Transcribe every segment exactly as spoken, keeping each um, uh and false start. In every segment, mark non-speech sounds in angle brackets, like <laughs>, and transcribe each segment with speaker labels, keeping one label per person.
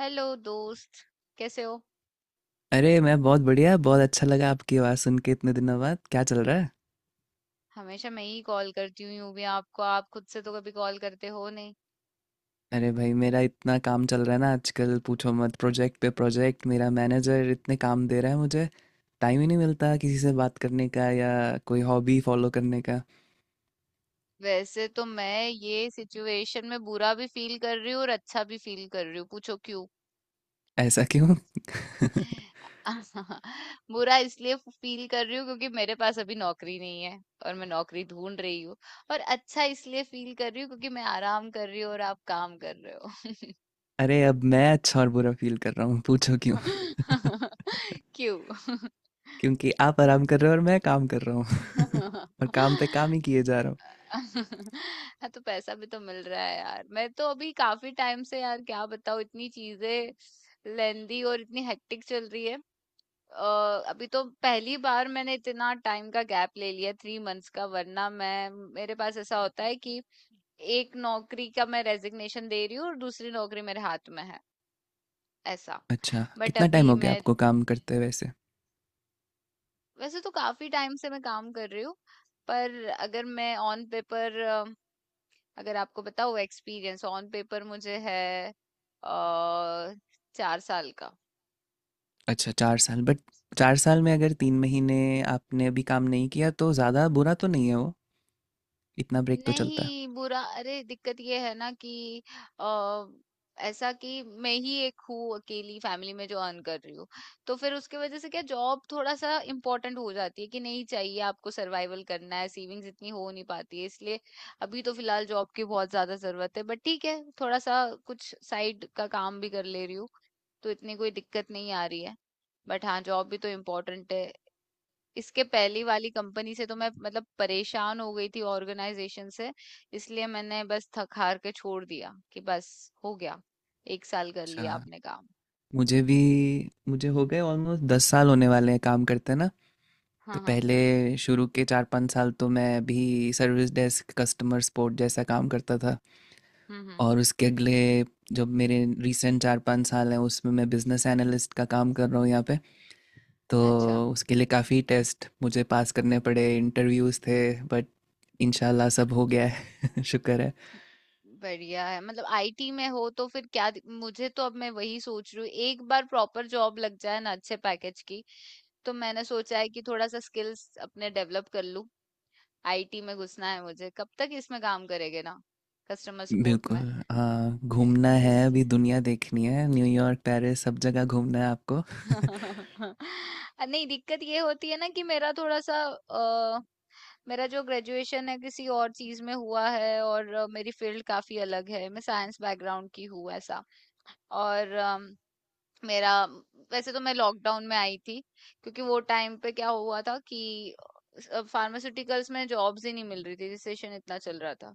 Speaker 1: Hello दोस्त। कैसे हो।
Speaker 2: अरे मैं बहुत बढ़िया, बहुत अच्छा लगा आपकी आवाज़ सुन के इतने दिनों बाद। क्या चल रहा है?
Speaker 1: हमेशा मैं ही कॉल करती हूँ यूं भी आपको। आप खुद से तो कभी कॉल करते हो नहीं।
Speaker 2: अरे भाई मेरा इतना काम चल रहा है ना आजकल, पूछो मत। प्रोजेक्ट पे प्रोजेक्ट मेरा मैनेजर इतने काम दे रहा है मुझे। टाइम ही नहीं मिलता किसी से बात करने का या कोई हॉबी फॉलो करने का।
Speaker 1: वैसे तो मैं ये सिचुएशन में बुरा भी फील कर रही हूँ और अच्छा भी फील कर रही हूँ। पूछो क्यों।
Speaker 2: ऐसा क्यों? <laughs>
Speaker 1: <laughs> बुरा इसलिए फील कर रही हूँ क्योंकि मेरे पास अभी नौकरी नहीं है और मैं नौकरी ढूंढ रही हूँ। और अच्छा इसलिए फील कर रही हूँ क्योंकि मैं आराम कर रही हूँ और आप काम कर रहे हो।
Speaker 2: अरे अब मैं अच्छा और बुरा फील कर रहा हूँ, पूछो क्यों।
Speaker 1: <laughs> क्यों।
Speaker 2: <laughs> क्योंकि आप आराम कर रहे हो और मैं काम कर रहा हूँ <laughs> और काम पे
Speaker 1: <laughs>
Speaker 2: काम ही किए जा रहा हूँ।
Speaker 1: <laughs> हाँ तो पैसा भी तो मिल रहा है यार। मैं तो अभी काफी टाइम से, यार क्या बताऊँ, इतनी चीजें लेंदी और इतनी हेक्टिक चल रही है। अ, अभी तो पहली बार मैंने इतना टाइम का गैप ले लिया थ्री मंथ्स का। वरना मैं, मेरे पास ऐसा होता है कि एक नौकरी का मैं रेजिग्नेशन दे रही हूँ और दूसरी नौकरी मेरे हाथ में है। ऐसा।
Speaker 2: अच्छा,
Speaker 1: बट
Speaker 2: कितना टाइम
Speaker 1: अभी
Speaker 2: हो गया
Speaker 1: मैं,
Speaker 2: आपको काम करते हुए वैसे?
Speaker 1: वैसे तो काफी टाइम से मैं काम कर रही हूँ। पर अगर मैं ऑन पेपर, अगर आपको बताओ एक्सपीरियंस ऑन पेपर मुझे है आ, चार साल का।
Speaker 2: अच्छा, चार साल। बट चार साल में अगर तीन महीने आपने अभी काम नहीं किया तो ज़्यादा बुरा तो नहीं है वो? इतना ब्रेक तो चलता है।
Speaker 1: नहीं, बुरा, अरे दिक्कत ये है ना कि अ, ऐसा कि मैं ही एक हूँ अकेली फैमिली में जो अर्न कर रही हूँ। तो फिर उसके वजह से क्या जॉब थोड़ा सा इम्पोर्टेंट हो जाती है कि नहीं, चाहिए, आपको सर्वाइवल करना है, सेविंग्स इतनी हो नहीं पाती है, इसलिए अभी तो फिलहाल जॉब की बहुत ज्यादा जरूरत है। बट ठीक है, थोड़ा सा कुछ साइड का काम भी कर ले रही हूँ तो इतनी कोई दिक्कत नहीं आ रही है। बट हाँ, जॉब भी तो इम्पोर्टेंट है। इसके पहली वाली कंपनी से तो मैं मतलब परेशान हो गई थी ऑर्गेनाइजेशन से। इसलिए मैंने बस थक हार के छोड़ दिया कि बस हो गया। एक साल कर लिया
Speaker 2: अच्छा,
Speaker 1: आपने काम।
Speaker 2: मुझे भी, मुझे हो गए ऑलमोस्ट दस साल होने वाले हैं काम करते ना। तो
Speaker 1: हाँ, हाँ।
Speaker 2: पहले शुरू के चार पाँच साल तो मैं भी सर्विस डेस्क, कस्टमर सपोर्ट जैसा काम करता था।
Speaker 1: हम्म, हम्म।
Speaker 2: और उसके अगले, जब मेरे रिसेंट चार पाँच साल हैं उसमें मैं बिजनेस एनालिस्ट का काम कर रहा हूँ यहाँ पे। तो
Speaker 1: अच्छा।
Speaker 2: उसके लिए काफ़ी टेस्ट मुझे पास करने पड़े, इंटरव्यूज़ थे, बट इंशाल्लाह सब हो गया है। <laughs> शुक्र है।
Speaker 1: बढ़िया है, मतलब आई टी में हो तो फिर क्या दि- मुझे तो, अब मैं वही सोच रही हूँ, एक बार प्रॉपर जॉब लग जाए ना अच्छे पैकेज की तो मैंने सोचा है कि थोड़ा सा स्किल्स अपने डेवलप कर लूँ। आई टी में घुसना है मुझे। कब तक इसमें काम करेंगे ना, कस्टमर सपोर्ट
Speaker 2: बिल्कुल।
Speaker 1: में।
Speaker 2: हाँ घूमना
Speaker 1: ए-
Speaker 2: है,
Speaker 1: इस
Speaker 2: अभी दुनिया देखनी है, न्यूयॉर्क पेरिस सब जगह घूमना है आपको। <laughs>
Speaker 1: <laughs> नहीं, दिक्कत ये होती है ना कि मेरा थोड़ा सा अ, मेरा जो ग्रेजुएशन है किसी और चीज में हुआ है और अ, मेरी फील्ड काफी अलग है। मैं साइंस बैकग्राउंड की हूँ। ऐसा। और अम, मेरा, वैसे तो मैं लॉकडाउन में आई थी क्योंकि वो टाइम पे क्या हुआ था कि फार्मास्यूटिकल्स में जॉब्स ही नहीं मिल रही थी, रिसेशन इतना चल रहा था।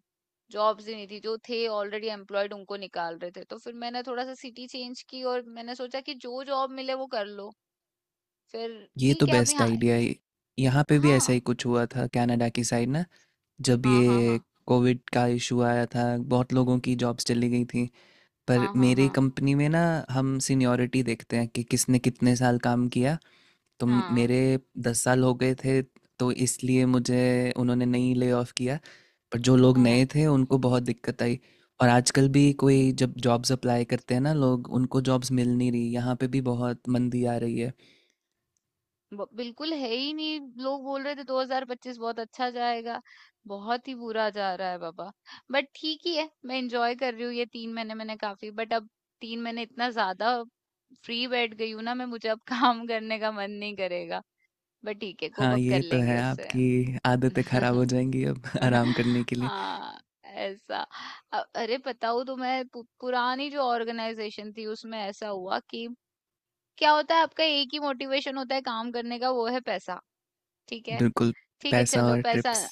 Speaker 1: जॉब्स ही नहीं थी, जो थे ऑलरेडी एम्प्लॉयड उनको निकाल रहे थे तो फिर मैंने थोड़ा सा सिटी चेंज की और मैंने सोचा कि जो जॉब मिले वो कर लो। फिर
Speaker 2: ये तो
Speaker 1: ठीक है अभी।
Speaker 2: बेस्ट
Speaker 1: हाँ।
Speaker 2: आइडिया है। यहाँ पे भी ऐसा ही कुछ हुआ था कनाडा की साइड ना, जब
Speaker 1: हाँ हाँ
Speaker 2: ये
Speaker 1: हाँ।
Speaker 2: कोविड का इशू आया था। बहुत लोगों की जॉब्स चली गई थी, पर
Speaker 1: हाँ हाँ हाँ।
Speaker 2: मेरी
Speaker 1: हाँ
Speaker 2: कंपनी में ना हम सीनियॉरिटी देखते हैं कि किसने कितने साल काम किया। तो म-
Speaker 1: हाँ
Speaker 2: मेरे दस साल हो गए थे, तो इसलिए मुझे उन्होंने नहीं ले ऑफ किया। पर जो लोग
Speaker 1: हाँ
Speaker 2: नए
Speaker 1: हाँ।
Speaker 2: थे उनको बहुत दिक्कत आई। और आजकल भी कोई जब जॉब्स अप्लाई करते हैं ना लोग, उनको जॉब्स मिल नहीं रही, यहाँ पे भी बहुत मंदी आ रही है।
Speaker 1: ब- बिल्कुल है ही नहीं। लोग बोल रहे थे दो हज़ार पच्चीस बहुत अच्छा जाएगा। बहुत ही बुरा जा रहा है बाबा। बट ठीक ही है, मैं एंजॉय कर रही हूँ ये तीन महीने मैंने काफी। बट अब तीन महीने इतना ज्यादा फ्री बैठ गई हूँ ना मैं, मुझे अब <laughs> काम करने का मन नहीं करेगा। बट ठीक है, कोप
Speaker 2: हाँ
Speaker 1: अप कर
Speaker 2: ये तो
Speaker 1: लेंगे
Speaker 2: है,
Speaker 1: उससे।
Speaker 2: आपकी आदतें खराब हो
Speaker 1: <laughs>
Speaker 2: जाएंगी अब <laughs> आराम करने के लिए।
Speaker 1: हाँ। ऐसा। अ- अरे बताऊँ तो मैं पु, पुरानी जो ऑर्गेनाइजेशन थी उसमें ऐसा हुआ कि क्या होता है, आपका एक ही मोटिवेशन होता है काम करने का, वो है पैसा। ठीक है।
Speaker 2: बिल्कुल।
Speaker 1: ठीक है
Speaker 2: पैसा
Speaker 1: चलो,
Speaker 2: और
Speaker 1: पैसा।
Speaker 2: ट्रिप्स।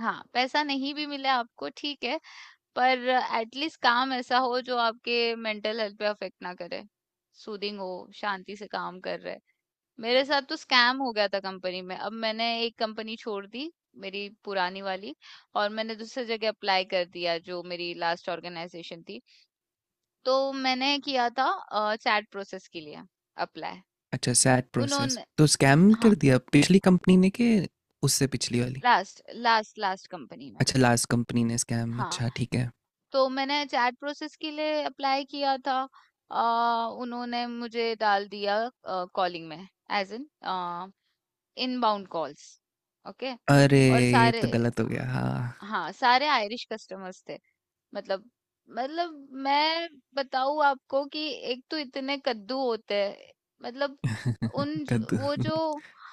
Speaker 1: हाँ पैसा नहीं भी मिले आपको ठीक है, पर एटलीस्ट काम ऐसा हो जो आपके मेंटल हेल्थ पे अफेक्ट ना करे, सूदिंग हो, शांति से काम कर रहे। मेरे साथ तो स्कैम हो गया था कंपनी में। अब मैंने एक कंपनी छोड़ दी, मेरी पुरानी वाली, और मैंने दूसरी जगह अप्लाई कर दिया जो मेरी लास्ट ऑर्गेनाइजेशन थी। तो मैंने किया था चैट प्रोसेस के लिए अप्लाई।
Speaker 2: अच्छा, सैड प्रोसेस
Speaker 1: उन्होंने,
Speaker 2: तो स्कैम
Speaker 1: हाँ,
Speaker 2: कर दिया पिछली कंपनी ने कि? उससे पिछली वाली?
Speaker 1: लास्ट लास्ट लास्ट कंपनी में।
Speaker 2: अच्छा, लास्ट कंपनी ने स्कैम,
Speaker 1: हाँ
Speaker 2: अच्छा ठीक है।
Speaker 1: तो मैंने चैट प्रोसेस के लिए अप्लाई किया था। आ, उन्होंने मुझे डाल दिया कॉलिंग में, as in inbound calls. Okay.
Speaker 2: अरे
Speaker 1: और
Speaker 2: ये
Speaker 1: सारे,
Speaker 2: तो गलत हो गया, हाँ।
Speaker 1: हाँ सारे आयरिश कस्टमर्स थे। मतलब, मतलब मैं बताऊं आपको कि एक तो इतने कद्दू होते हैं। मतलब उन
Speaker 2: <laughs>
Speaker 1: ज-
Speaker 2: कद्दू?
Speaker 1: वो जो,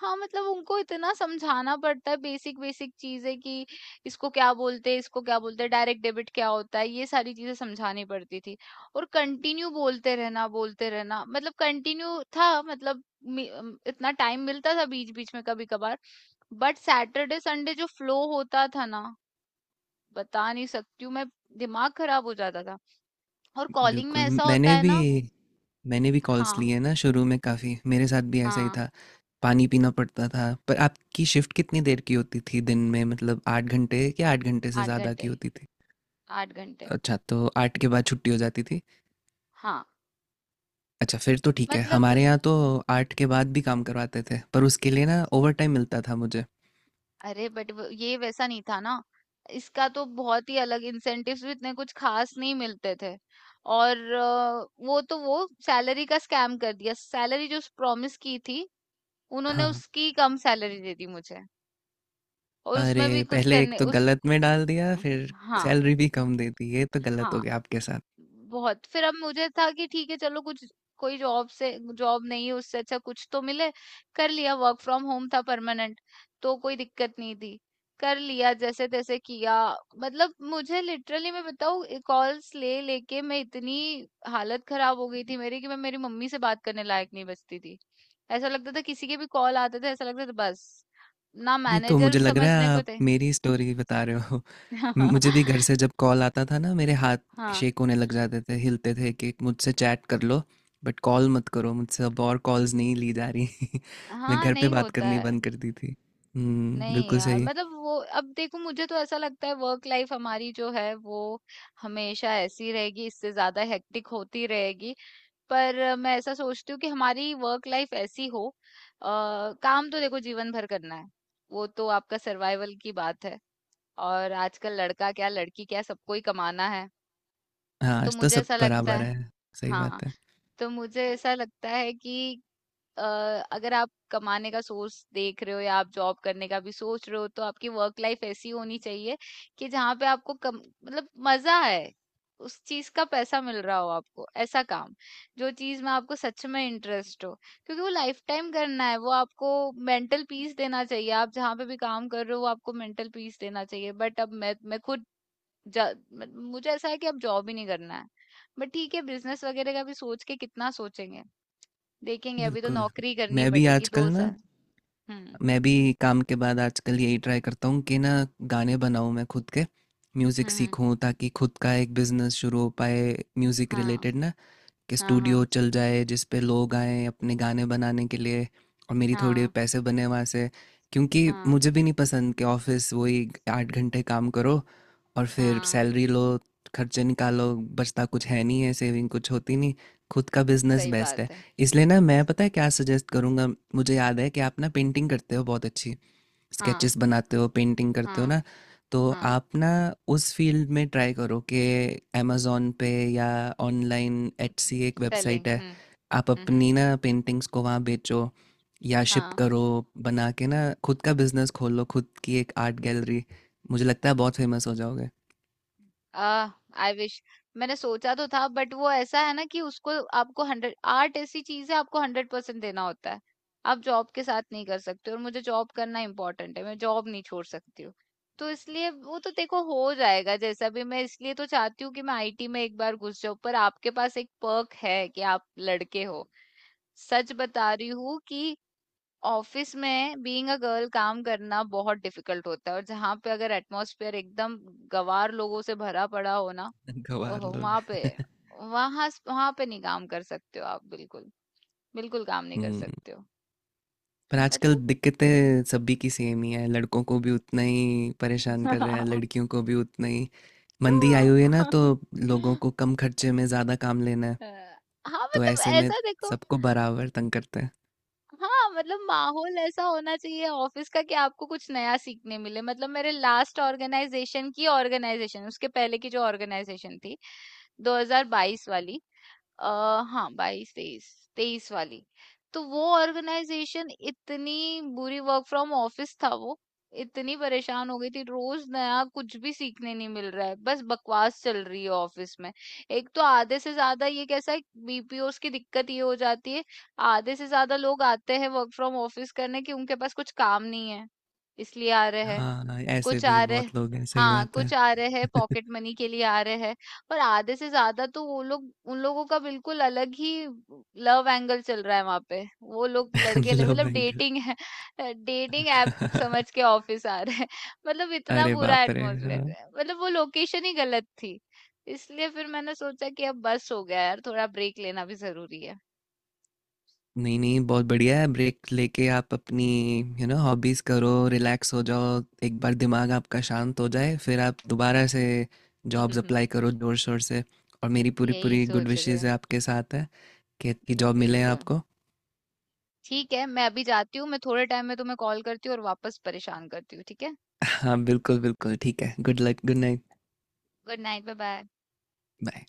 Speaker 1: हाँ, मतलब उनको इतना समझाना पड़ता है, बेसिक बेसिक चीजें कि इसको क्या बोलते हैं, इसको क्या बोलते हैं, डायरेक्ट डेबिट क्या होता है, ये सारी चीजें समझानी पड़ती थी। और कंटिन्यू बोलते रहना, बोलते रहना मतलब कंटिन्यू था, मतलब मी- अम, इतना टाइम मिलता था बीच बीच में कभी कभार। बट सैटरडे संडे जो फ्लो होता था ना, बता नहीं सकती हूँ मैं, दिमाग खराब हो जाता था। और कॉलिंग में
Speaker 2: बिल्कुल,
Speaker 1: ऐसा होता
Speaker 2: मैंने
Speaker 1: है
Speaker 2: भी,
Speaker 1: ना।
Speaker 2: मैंने भी कॉल्स
Speaker 1: हाँ
Speaker 2: लिए ना शुरू में काफ़ी, मेरे साथ भी ऐसा ही
Speaker 1: हाँ।
Speaker 2: था। पानी पीना पड़ता था। पर आपकी शिफ्ट कितनी देर की होती थी दिन में, मतलब आठ घंटे या आठ घंटे से
Speaker 1: आठ
Speaker 2: ज़्यादा की
Speaker 1: घंटे
Speaker 2: होती थी?
Speaker 1: आठ घंटे।
Speaker 2: अच्छा, तो आठ के बाद छुट्टी हो जाती थी।
Speaker 1: हाँ।
Speaker 2: अच्छा, फिर तो ठीक है।
Speaker 1: मतलब,
Speaker 2: हमारे यहाँ तो आठ के बाद भी काम करवाते थे, पर उसके लिए ना ओवरटाइम मिलता था मुझे।
Speaker 1: अरे बट ये वैसा नहीं था ना, इसका तो बहुत ही अलग, इंसेंटिव्स भी इतने कुछ खास नहीं मिलते थे। और अ, वो तो वो सैलरी का स्कैम कर दिया। सैलरी जो प्रॉमिस की थी उन्होंने
Speaker 2: हाँ।
Speaker 1: उसकी कम सैलरी दे दी मुझे। और उसमें भी
Speaker 2: अरे!
Speaker 1: कुछ
Speaker 2: पहले एक
Speaker 1: करने
Speaker 2: तो
Speaker 1: उस।
Speaker 2: गलत में डाल दिया, फिर
Speaker 1: हाँ।
Speaker 2: सैलरी भी कम दे दी। ये तो गलत हो
Speaker 1: हाँ
Speaker 2: गया आपके साथ।
Speaker 1: बहुत। फिर अब मुझे था कि ठीक है चलो, कुछ कोई जॉब से जॉब नहीं है उससे अच्छा कुछ तो मिले। कर लिया। वर्क फ्रॉम होम था परमानेंट तो कोई दिक्कत नहीं थी, कर लिया जैसे तैसे किया। मतलब मुझे लिटरली, मैं बताऊँ, कॉल्स ले लेके मैं इतनी हालत खराब हो गई थी मेरी कि मैं मेरी मम्मी से बात करने लायक नहीं बचती थी। ऐसा लगता था किसी के भी कॉल आते थे ऐसा लगता था, बस ना
Speaker 2: ये तो
Speaker 1: मैनेजर
Speaker 2: मुझे लग रहा
Speaker 1: समझने
Speaker 2: है
Speaker 1: को
Speaker 2: आप
Speaker 1: थे।
Speaker 2: मेरी स्टोरी बता रहे हो। मु मुझे भी घर से
Speaker 1: <laughs>
Speaker 2: जब कॉल आता था ना, मेरे हाथ
Speaker 1: हाँ
Speaker 2: शेक होने लग जाते थे, हिलते थे कि मुझसे चैट कर लो, बट कॉल मत करो मुझसे, अब और कॉल्स नहीं ली जा रही। <laughs> मैं
Speaker 1: हाँ।
Speaker 2: घर पे
Speaker 1: नहीं
Speaker 2: बात
Speaker 1: होता
Speaker 2: करनी
Speaker 1: है।
Speaker 2: बंद कर दी थी। हुँ,
Speaker 1: नहीं
Speaker 2: बिल्कुल
Speaker 1: यार,
Speaker 2: सही।
Speaker 1: मतलब वो, अब देखो मुझे तो ऐसा लगता है वर्क लाइफ हमारी जो है वो हमेशा ऐसी रहेगी, इससे ज्यादा हेक्टिक होती रहेगी। पर मैं ऐसा सोचती हूँ कि हमारी वर्क लाइफ ऐसी हो अ, काम तो देखो जीवन भर करना है, वो तो आपका सर्वाइवल की बात है। और आजकल लड़का क्या लड़की क्या सबको ही कमाना है।
Speaker 2: हाँ
Speaker 1: तो
Speaker 2: आज तो
Speaker 1: मुझे
Speaker 2: सब
Speaker 1: ऐसा लगता
Speaker 2: बराबर
Speaker 1: है।
Speaker 2: है। सही
Speaker 1: हाँ,
Speaker 2: बात है।
Speaker 1: तो मुझे ऐसा लगता है कि अ, अगर आप कमाने का सोर्स देख रहे हो या आप जॉब करने का भी सोच रहे हो तो आपकी वर्क लाइफ ऐसी होनी चाहिए कि जहाँ पे आपको कम, मतलब मजा है उस चीज का, पैसा मिल रहा हो आपको ऐसा काम, जो चीज में आपको सच में इंटरेस्ट हो, क्योंकि वो लाइफ टाइम करना है वो। आपको मेंटल पीस देना चाहिए, आप जहाँ पे भी काम कर रहे हो वो आपको मेंटल पीस देना चाहिए। बट अब मैं मैं खुद जा- मुझे ऐसा है कि अब जॉब ही नहीं करना है। बट ठीक है, बिजनेस वगैरह का भी सोच के कितना सोचेंगे, देखेंगे, अभी तो
Speaker 2: बिल्कुल।
Speaker 1: नौकरी करनी
Speaker 2: मैं भी
Speaker 1: पड़ेगी
Speaker 2: आजकल
Speaker 1: दो
Speaker 2: ना,
Speaker 1: साल हम्म
Speaker 2: मैं भी काम के बाद आजकल यही ट्राई करता हूँ कि ना गाने बनाऊँ मैं खुद के, म्यूज़िक
Speaker 1: हम्म।
Speaker 2: सीखूँ ताकि खुद का एक बिजनेस शुरू हो पाए म्यूज़िक
Speaker 1: हाँ
Speaker 2: रिलेटेड ना, कि
Speaker 1: हाँ हाँ
Speaker 2: स्टूडियो चल जाए जिस पे लोग आए अपने गाने बनाने के लिए, और मेरी थोड़े
Speaker 1: हाँ
Speaker 2: पैसे बने वहाँ से। क्योंकि
Speaker 1: हाँ
Speaker 2: मुझे भी नहीं पसंद कि ऑफिस वही आठ घंटे काम करो और फिर
Speaker 1: हाँ।
Speaker 2: सैलरी लो, खर्चे निकालो, बचता कुछ है नहीं है, सेविंग कुछ होती नहीं। खुद का बिजनेस
Speaker 1: सही
Speaker 2: बेस्ट है।
Speaker 1: बात है।
Speaker 2: इसलिए ना मैं, पता है क्या सजेस्ट करूँगा? मुझे याद है कि आप ना पेंटिंग करते हो बहुत अच्छी,
Speaker 1: हाँ
Speaker 2: स्केचेस बनाते हो, पेंटिंग करते हो
Speaker 1: हाँ
Speaker 2: ना। तो
Speaker 1: हाँ।
Speaker 2: आप ना उस फील्ड में ट्राई करो कि अमेज़न पे या ऑनलाइन, एटसी एक
Speaker 1: सेलिंग।
Speaker 2: वेबसाइट है,
Speaker 1: हम्म
Speaker 2: आप
Speaker 1: हम्म। हम्म,
Speaker 2: अपनी ना पेंटिंग्स को वहाँ बेचो या शिप
Speaker 1: हाँ।
Speaker 2: करो। बना के ना खुद का बिजनेस खोलो, खुद की एक आर्ट गैलरी। मुझे लगता है बहुत फेमस हो जाओगे।
Speaker 1: आह। I wish. मैंने सोचा तो था बट वो ऐसा है ना कि उसको, आपको हंड्रेड, आर्ट ऐसी चीज है, आपको हंड्रेड परसेंट देना होता है। आप जॉब के साथ नहीं कर सकते, और मुझे जॉब करना इम्पोर्टेंट है, मैं जॉब नहीं छोड़ सकती हूँ तो इसलिए वो तो देखो हो जाएगा जैसा भी। मैं इसलिए तो चाहती हूँ कि मैं आई टी में एक बार घुस जाऊं। पर आपके पास एक पर्क है कि आप लड़के हो। सच बता रही हूँ कि ऑफिस में बीइंग अ गर्ल काम करना बहुत डिफिकल्ट होता है, और जहाँ पे अगर एटमॉस्फेयर एकदम गवार लोगों से भरा पड़ा हो ना,
Speaker 2: <laughs> गंवार
Speaker 1: ओहो,
Speaker 2: लोग।
Speaker 1: वहां पे,
Speaker 2: <laughs>
Speaker 1: वहां वहां पे नहीं काम कर सकते हो आप, बिल्कुल बिल्कुल काम नहीं कर
Speaker 2: हम्म।
Speaker 1: सकते हो।
Speaker 2: पर आजकल
Speaker 1: मतलब
Speaker 2: दिक्कतें सभी की सेम ही है, लड़कों को भी उतना ही परेशान कर रहे हैं,
Speaker 1: <laughs>
Speaker 2: लड़कियों को भी उतना ही। मंदी आई हुई है ना, तो लोगों को कम खर्चे में ज़्यादा काम लेना है।
Speaker 1: अ, हाँ
Speaker 2: तो
Speaker 1: मतलब
Speaker 2: ऐसे में
Speaker 1: ऐसा देखो,
Speaker 2: सबको बराबर तंग करते हैं।
Speaker 1: हाँ, मतलब माहौल ऐसा होना चाहिए ऑफिस का कि आपको कुछ नया सीखने मिले। मतलब मेरे लास्ट ऑर्गेनाइजेशन की ऑर्गेनाइजेशन उसके पहले की जो ऑर्गेनाइजेशन थी दो हज़ार बाईस वाली, आ, हाँ बाईस तेईस तेईस वाली, तो वो ऑर्गेनाइजेशन इतनी बुरी, वर्क फ्रॉम ऑफिस था वो, इतनी परेशान हो गई थी, रोज नया कुछ भी सीखने नहीं मिल रहा है, बस बकवास चल रही है ऑफिस में। एक तो आधे से ज्यादा ये कैसा है, बी पी ओ स की दिक्कत ये हो जाती है, आधे से ज्यादा लोग आते हैं वर्क फ्रॉम ऑफिस करने कि उनके पास कुछ काम नहीं है, इसलिए आ रहे हैं।
Speaker 2: हाँ ऐसे
Speaker 1: कुछ
Speaker 2: भी
Speaker 1: आ रहे
Speaker 2: बहुत लोग हैं, सही
Speaker 1: हाँ
Speaker 2: बात है।
Speaker 1: कुछ आ रहे हैं
Speaker 2: <laughs>
Speaker 1: पॉकेट मनी के लिए आ रहे हैं। पर आधे से ज्यादा तो वो लोग, उन लोगों का बिल्कुल अलग ही लव एंगल चल रहा है वहां पे। वो लोग लड़के लड़-
Speaker 2: लव
Speaker 1: मतलब
Speaker 2: एंगल?
Speaker 1: डेटिंग है, डेटिंग ऐप समझ
Speaker 2: <laughs>
Speaker 1: के ऑफिस आ रहे हैं। मतलब इतना
Speaker 2: अरे
Speaker 1: बुरा
Speaker 2: बाप रे, हाँ।
Speaker 1: एटमोसफेयर है, मतलब वो लोकेशन ही गलत थी। इसलिए फिर मैंने सोचा कि अब बस हो गया यार, थोड़ा ब्रेक लेना भी जरूरी है।
Speaker 2: नहीं नहीं बहुत बढ़िया है, ब्रेक लेके आप अपनी यू नो हॉबीज करो, रिलैक्स हो जाओ, एक बार दिमाग आपका शांत हो जाए फिर आप दोबारा से जॉब्स
Speaker 1: <laughs>
Speaker 2: अप्लाई करो जोर शोर से। और मेरी पूरी
Speaker 1: यही
Speaker 2: पूरी गुड
Speaker 1: सोच रहे
Speaker 2: विशेज है
Speaker 1: हैं।
Speaker 2: आपके साथ है कि कि जॉब मिले
Speaker 1: बिल्कुल।
Speaker 2: आपको।
Speaker 1: ठीक है मैं अभी जाती हूँ, मैं थोड़े टाइम में तुम्हें कॉल करती हूँ और वापस परेशान करती हूँ, ठीक है।
Speaker 2: हाँ बिल्कुल बिल्कुल ठीक है। Good luck, good night.
Speaker 1: Good night. Bye bye.
Speaker 2: Bye.